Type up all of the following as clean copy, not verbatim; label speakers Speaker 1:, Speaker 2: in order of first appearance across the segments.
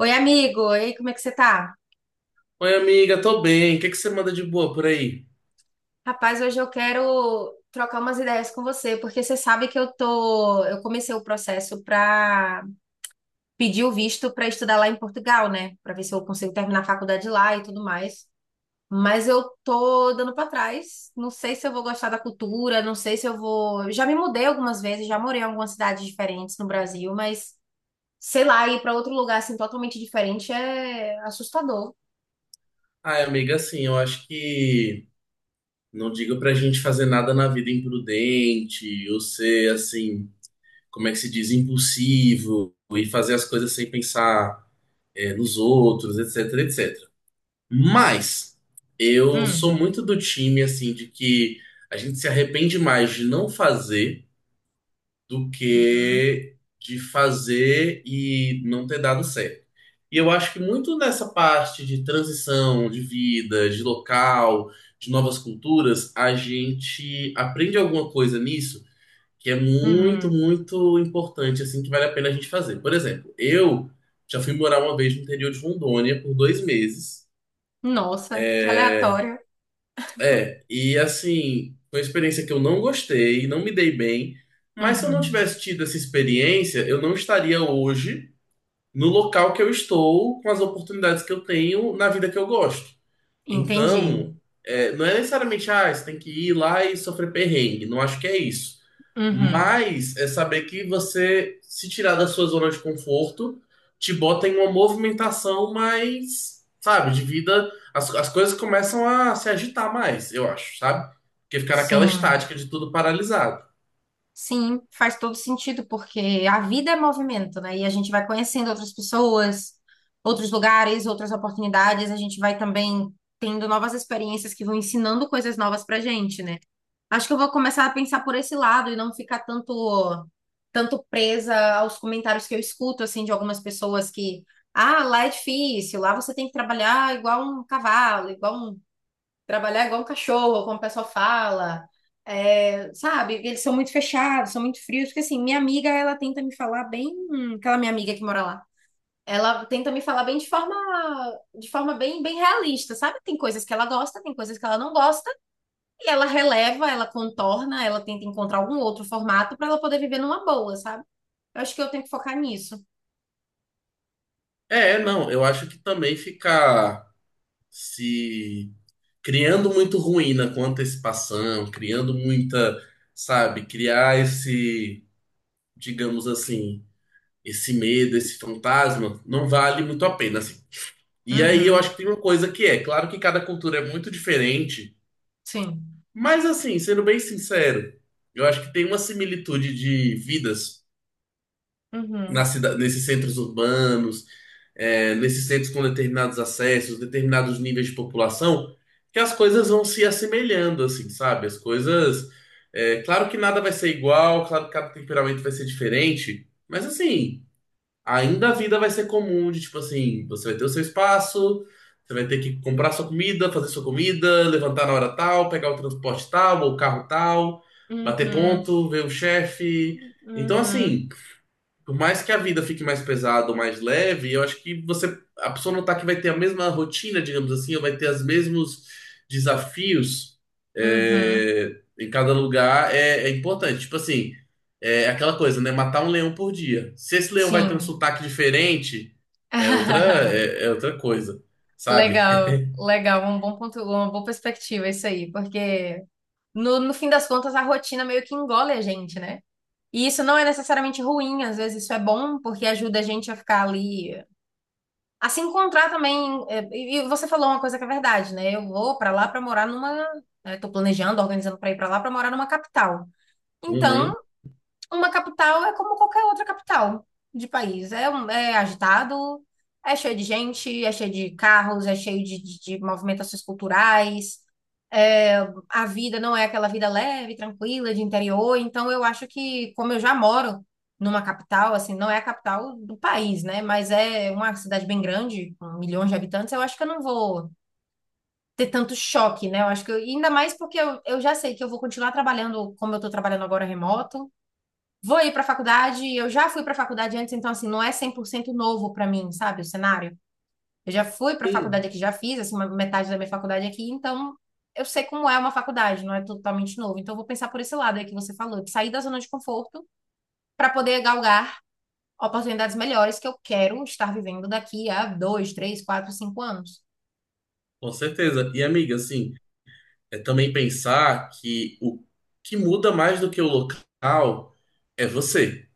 Speaker 1: Oi, amigo. E aí, como é que você tá?
Speaker 2: Oi, amiga, tô bem. O que que você manda de boa por aí?
Speaker 1: Rapaz, hoje eu quero trocar umas ideias com você, porque você sabe que eu comecei o processo para pedir o visto para estudar lá em Portugal, né? Para ver se eu consigo terminar a faculdade lá e tudo mais. Mas eu tô dando para trás. Não sei se eu vou gostar da cultura, não sei se eu vou. Eu Já me mudei algumas vezes, já morei em algumas cidades diferentes no Brasil, mas sei lá, ir para outro lugar assim totalmente diferente é assustador.
Speaker 2: Ai, amiga, assim, eu acho que não digo pra gente fazer nada na vida imprudente, ou ser, assim, como é que se diz, impulsivo, e fazer as coisas sem pensar, nos outros, etc, etc. Mas eu sou
Speaker 1: Hum.
Speaker 2: muito do time, assim, de que a gente se arrepende mais de não fazer do
Speaker 1: Uhum.
Speaker 2: que de fazer e não ter dado certo. E eu acho que muito nessa parte de transição, de vida, de local, de novas culturas, a gente aprende alguma coisa nisso que é muito,
Speaker 1: Uhum.
Speaker 2: muito importante, assim, que vale a pena a gente fazer. Por exemplo, eu já fui morar uma vez no interior de Rondônia por dois meses.
Speaker 1: Nossa, que aleatório.
Speaker 2: É, e assim, foi uma experiência que eu não gostei, não me dei bem, mas se eu não
Speaker 1: Uhum.
Speaker 2: tivesse tido essa experiência, eu não estaria hoje no local que eu estou, com as oportunidades que eu tenho na vida que eu gosto.
Speaker 1: Entendi.
Speaker 2: Então, não é necessariamente, ah, você tem que ir lá e sofrer perrengue. Não acho que é isso.
Speaker 1: Uhum.
Speaker 2: Mas é saber que você se tirar da sua zona de conforto te bota em uma movimentação mais, sabe, de vida. As coisas começam a se agitar mais, eu acho, sabe? Porque ficar naquela
Speaker 1: Sim,
Speaker 2: estática de tudo paralisado.
Speaker 1: sim, faz todo sentido, porque a vida é movimento, né? E a gente vai conhecendo outras pessoas, outros lugares, outras oportunidades, a gente vai também tendo novas experiências que vão ensinando coisas novas pra gente, né? Acho que eu vou começar a pensar por esse lado e não ficar tanto, presa aos comentários que eu escuto, assim, de algumas pessoas que. Ah, lá é difícil, lá você tem que trabalhar igual um cavalo, igual um trabalhar igual um cachorro, como o pessoal fala. É, sabe, eles são muito fechados, são muito frios, porque assim, minha amiga, ela tenta me falar bem, aquela minha amiga que mora lá. Ela tenta me falar bem de forma bem, bem realista, sabe? Tem coisas que ela gosta, tem coisas que ela não gosta, e ela releva, ela contorna, ela tenta encontrar algum outro formato para ela poder viver numa boa, sabe? Eu acho que eu tenho que focar nisso.
Speaker 2: É, não, eu acho que também ficar se criando muito ruína com antecipação, criando muita, sabe, criar esse, digamos assim, esse medo, esse fantasma, não vale muito a pena, assim. E aí eu acho
Speaker 1: Uhum,
Speaker 2: que tem uma coisa que é, claro que cada cultura é muito diferente,
Speaker 1: sim.
Speaker 2: mas assim, sendo bem sincero, eu acho que tem uma similitude de vidas
Speaker 1: Uhum,
Speaker 2: nesses centros urbanos, nesses centros com determinados acessos, determinados níveis de população, que as coisas vão se assemelhando, assim, sabe? As coisas. Claro que nada vai ser igual, claro que cada temperamento vai ser diferente, mas assim, ainda a vida vai ser comum de tipo assim, você vai ter o seu espaço, você vai ter que comprar sua comida, fazer sua comida, levantar na hora tal, pegar o transporte tal, ou o carro tal, bater
Speaker 1: uhum,
Speaker 2: ponto, ver o chefe. Então,
Speaker 1: uhum,
Speaker 2: assim. Por mais que a vida fique mais pesada ou mais leve, eu acho que você, a pessoa notar que vai ter a mesma rotina, digamos assim, ou vai ter os mesmos desafios
Speaker 1: uhum,
Speaker 2: em cada lugar é importante. Tipo assim, é aquela coisa, né? Matar um leão por dia. Se esse leão vai ter um
Speaker 1: sim.
Speaker 2: sotaque diferente, é outra, é, é outra coisa, sabe?
Speaker 1: Legal, legal, um bom ponto, uma boa perspectiva isso aí, porque no fim das contas a rotina meio que engole a gente, né? E isso não é necessariamente ruim, às vezes isso é bom, porque ajuda a gente a ficar ali, a se encontrar também. E você falou uma coisa que é verdade, né? Eu vou pra lá pra morar numa, né, tô planejando, organizando pra ir pra lá pra morar numa capital. Então,
Speaker 2: Uhum,
Speaker 1: uma capital é como qualquer outra capital de país. É, é agitado, é cheio de gente, é cheio de carros, é cheio de movimentações culturais. É, a vida não é aquela vida leve, tranquila, de interior. Então, eu acho que, como eu já moro numa capital, assim, não é a capital do país, né? Mas é uma cidade bem grande, com milhões de habitantes, eu acho que eu não vou ter tanto choque, né? Eu acho que ainda mais porque eu já sei que eu vou continuar trabalhando como eu estou trabalhando agora remoto. Vou ir para a faculdade, eu já fui para a faculdade antes, então assim, não é 100% novo para mim, sabe, o cenário. Eu já fui para a
Speaker 2: sim,
Speaker 1: faculdade aqui, já fiz assim uma metade da minha faculdade aqui, então eu sei como é uma faculdade, não é totalmente novo. Então eu vou pensar por esse lado aí que você falou, de sair da zona de conforto para poder galgar oportunidades melhores que eu quero estar vivendo daqui a 2, 3, 4, 5 anos.
Speaker 2: com certeza. E amiga, assim, é também pensar que o que muda mais do que o local é você.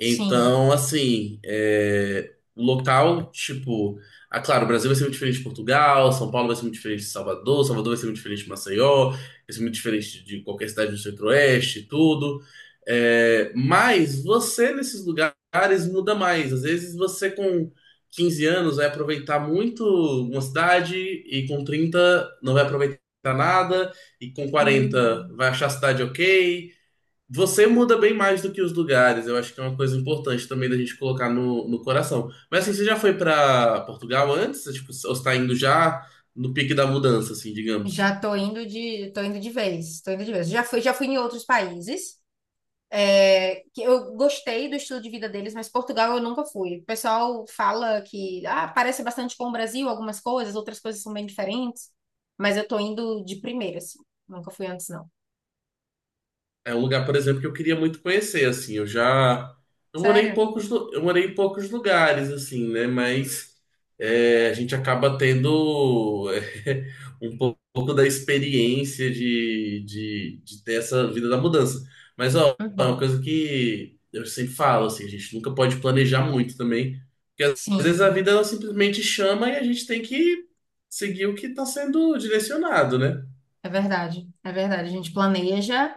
Speaker 1: Sim.
Speaker 2: assim, é, o local, tipo, ah, claro, o Brasil vai ser muito diferente de Portugal, São Paulo vai ser muito diferente de Salvador, Salvador vai ser muito diferente de Maceió, vai ser muito diferente de qualquer cidade do Centro-Oeste, e tudo. É, mas você nesses lugares muda mais. Às vezes você com 15 anos vai aproveitar muito uma cidade e com 30 não vai aproveitar nada, e com quarenta
Speaker 1: Hum.
Speaker 2: vai achar a cidade ok. Você muda bem mais do que os lugares. Eu acho que é uma coisa importante também da gente colocar no coração. Mas assim, você já foi pra Portugal antes? Tipo, ou está indo já no pique da mudança, assim, digamos?
Speaker 1: Já tô indo de vez, tô indo de vez. Já fui em outros países. É, que eu gostei do estilo de vida deles, mas Portugal eu nunca fui. O pessoal fala que ah, parece bastante com o Brasil, algumas coisas, outras coisas são bem diferentes, mas eu tô indo de primeira, assim. Nunca fui antes, não.
Speaker 2: É um lugar, por exemplo, que eu queria muito conhecer, assim.
Speaker 1: Sério?
Speaker 2: Eu morei em poucos lugares, assim, né? Mas é, a gente acaba tendo pouco da experiência de ter essa vida da mudança. Mas ó, é uma
Speaker 1: Uhum.
Speaker 2: coisa que eu sempre falo, assim, a gente nunca pode planejar muito também, porque às vezes a
Speaker 1: Sim,
Speaker 2: vida ela simplesmente chama e a gente tem que seguir o que está sendo direcionado, né?
Speaker 1: é verdade. É verdade. A gente planeja,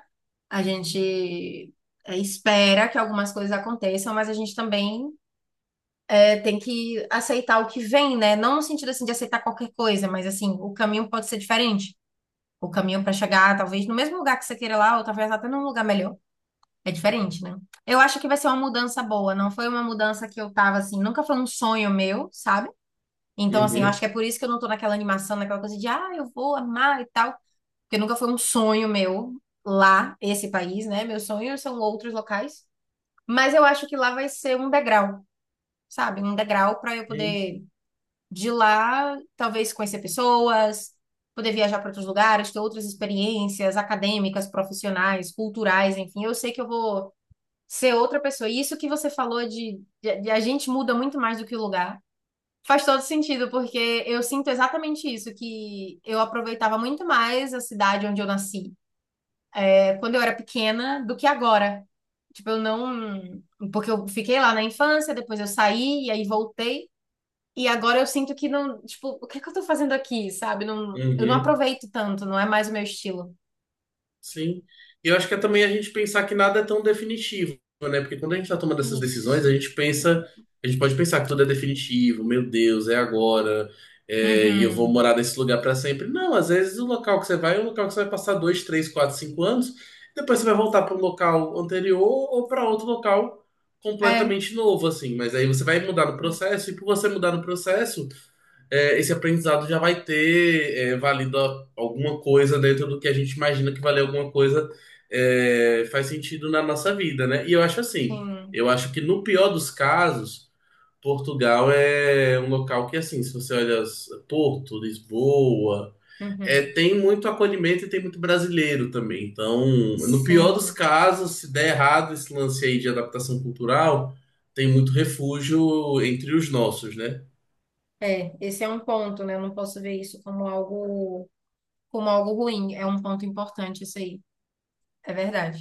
Speaker 1: a gente espera que algumas coisas aconteçam, mas a gente também tem que aceitar o que vem, né? Não no sentido assim de aceitar qualquer coisa, mas assim, o caminho pode ser diferente. O caminho para chegar, talvez, no mesmo lugar que você queira lá, ou talvez até num lugar melhor. É diferente, né? Eu acho que vai ser uma mudança boa. Não foi uma mudança que eu tava assim, nunca foi um sonho meu, sabe? Então, assim, eu
Speaker 2: Uhum,
Speaker 1: acho que é por isso que eu não tô naquela animação, naquela coisa de, ah, eu vou amar e tal. Porque nunca foi um sonho meu lá, esse país, né? Meus sonhos são outros locais. Mas eu acho que lá vai ser um degrau, sabe? Um degrau para eu poder de lá talvez conhecer pessoas, poder viajar para outros lugares, ter outras experiências acadêmicas, profissionais, culturais, enfim. Eu sei que eu vou ser outra pessoa. E isso que você falou de a gente muda muito mais do que o lugar. Faz todo sentido, porque eu sinto exatamente isso, que eu aproveitava muito mais a cidade onde eu nasci, quando eu era pequena, do que agora. Tipo, eu não. Porque eu fiquei lá na infância, depois eu saí e aí voltei. E agora eu sinto que não, tipo, o que é que eu tô fazendo aqui, sabe? Não, eu não
Speaker 2: uhum.
Speaker 1: aproveito tanto, não é mais o meu estilo.
Speaker 2: Sim. E eu acho que é também a gente pensar que nada é tão definitivo, né? Porque quando a gente tá tomando essas decisões,
Speaker 1: Isso.
Speaker 2: a gente pode pensar que tudo é definitivo, meu Deus, é agora, e eu vou
Speaker 1: Uhum.
Speaker 2: morar nesse lugar para sempre. Não, às vezes o local que você vai é um local que você vai passar dois, três, quatro, cinco anos, depois você vai voltar para um local anterior ou para outro local
Speaker 1: É,
Speaker 2: completamente novo, assim. Mas aí você vai mudar no processo, e por você mudar no processo esse aprendizado já vai ter valido alguma coisa dentro do que a gente imagina que valer alguma coisa faz sentido na nossa vida, né? E eu acho assim,
Speaker 1: sim.
Speaker 2: eu acho que no pior dos casos, Portugal é um local que, assim, se você olha Porto, Lisboa,
Speaker 1: Uhum.
Speaker 2: tem muito acolhimento e tem muito brasileiro também. Então, no pior dos
Speaker 1: Sim.
Speaker 2: casos, se der errado esse lance aí de adaptação cultural, tem muito refúgio entre os nossos, né?
Speaker 1: É, esse é um ponto, né? Eu não posso ver isso como algo ruim. É um ponto importante isso aí. É verdade.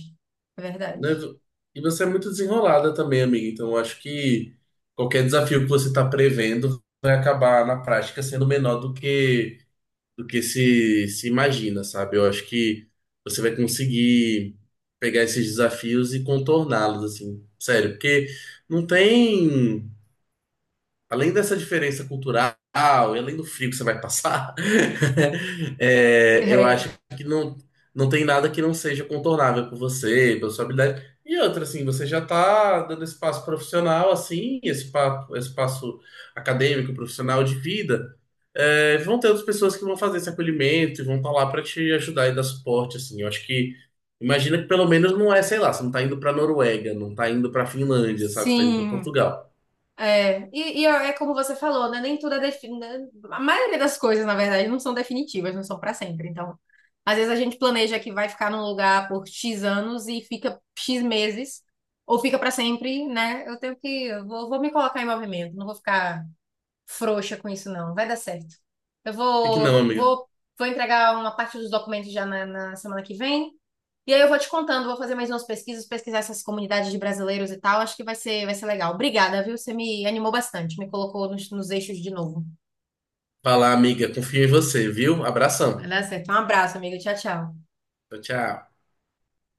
Speaker 1: É
Speaker 2: Né?
Speaker 1: verdade.
Speaker 2: E você é muito desenrolada também, amiga. Então, eu acho que qualquer desafio que você está prevendo vai acabar na prática sendo menor do que se imagina, sabe? Eu acho que você vai conseguir pegar esses desafios e contorná-los, assim, sério, porque não tem além dessa diferença cultural e além do frio que você vai passar, eu
Speaker 1: É.
Speaker 2: acho que não, não tem nada que não seja contornável por você, pela sua habilidade. E outra, assim, você já tá dando esse passo profissional, assim, esse, papo, esse acadêmico, profissional de vida. É, vão ter outras pessoas que vão fazer esse acolhimento e vão estar lá para te ajudar e dar suporte, assim. Eu acho que, imagina que pelo menos não é, sei lá, você não tá indo pra Noruega, não tá indo pra Finlândia, sabe? Você tá indo pra
Speaker 1: Sim.
Speaker 2: Portugal.
Speaker 1: É. Como você falou, né? Nem tudo é definido. A maioria das coisas, na verdade, não são definitivas, não são para sempre. Então, às vezes a gente planeja que vai ficar num lugar por X anos e fica X meses, ou fica para sempre, né? Eu tenho que. Eu Vou, vou me colocar em movimento, não vou ficar frouxa com isso, não. Vai dar certo. Eu
Speaker 2: Por que que
Speaker 1: vou,
Speaker 2: não,
Speaker 1: vou,
Speaker 2: amiga?
Speaker 1: vou, vou entregar uma parte dos documentos já na semana que vem. E aí eu vou te contando, vou fazer mais umas pesquisas, pesquisar essas comunidades de brasileiros e tal. Acho que vai ser legal. Obrigada, viu? Você me animou bastante, me colocou nos eixos de novo.
Speaker 2: Vai, amiga. Confio em você, viu?
Speaker 1: Vai
Speaker 2: Abração.
Speaker 1: dar certo. Um abraço, amigo. Tchau, tchau.
Speaker 2: Tchau, tchau.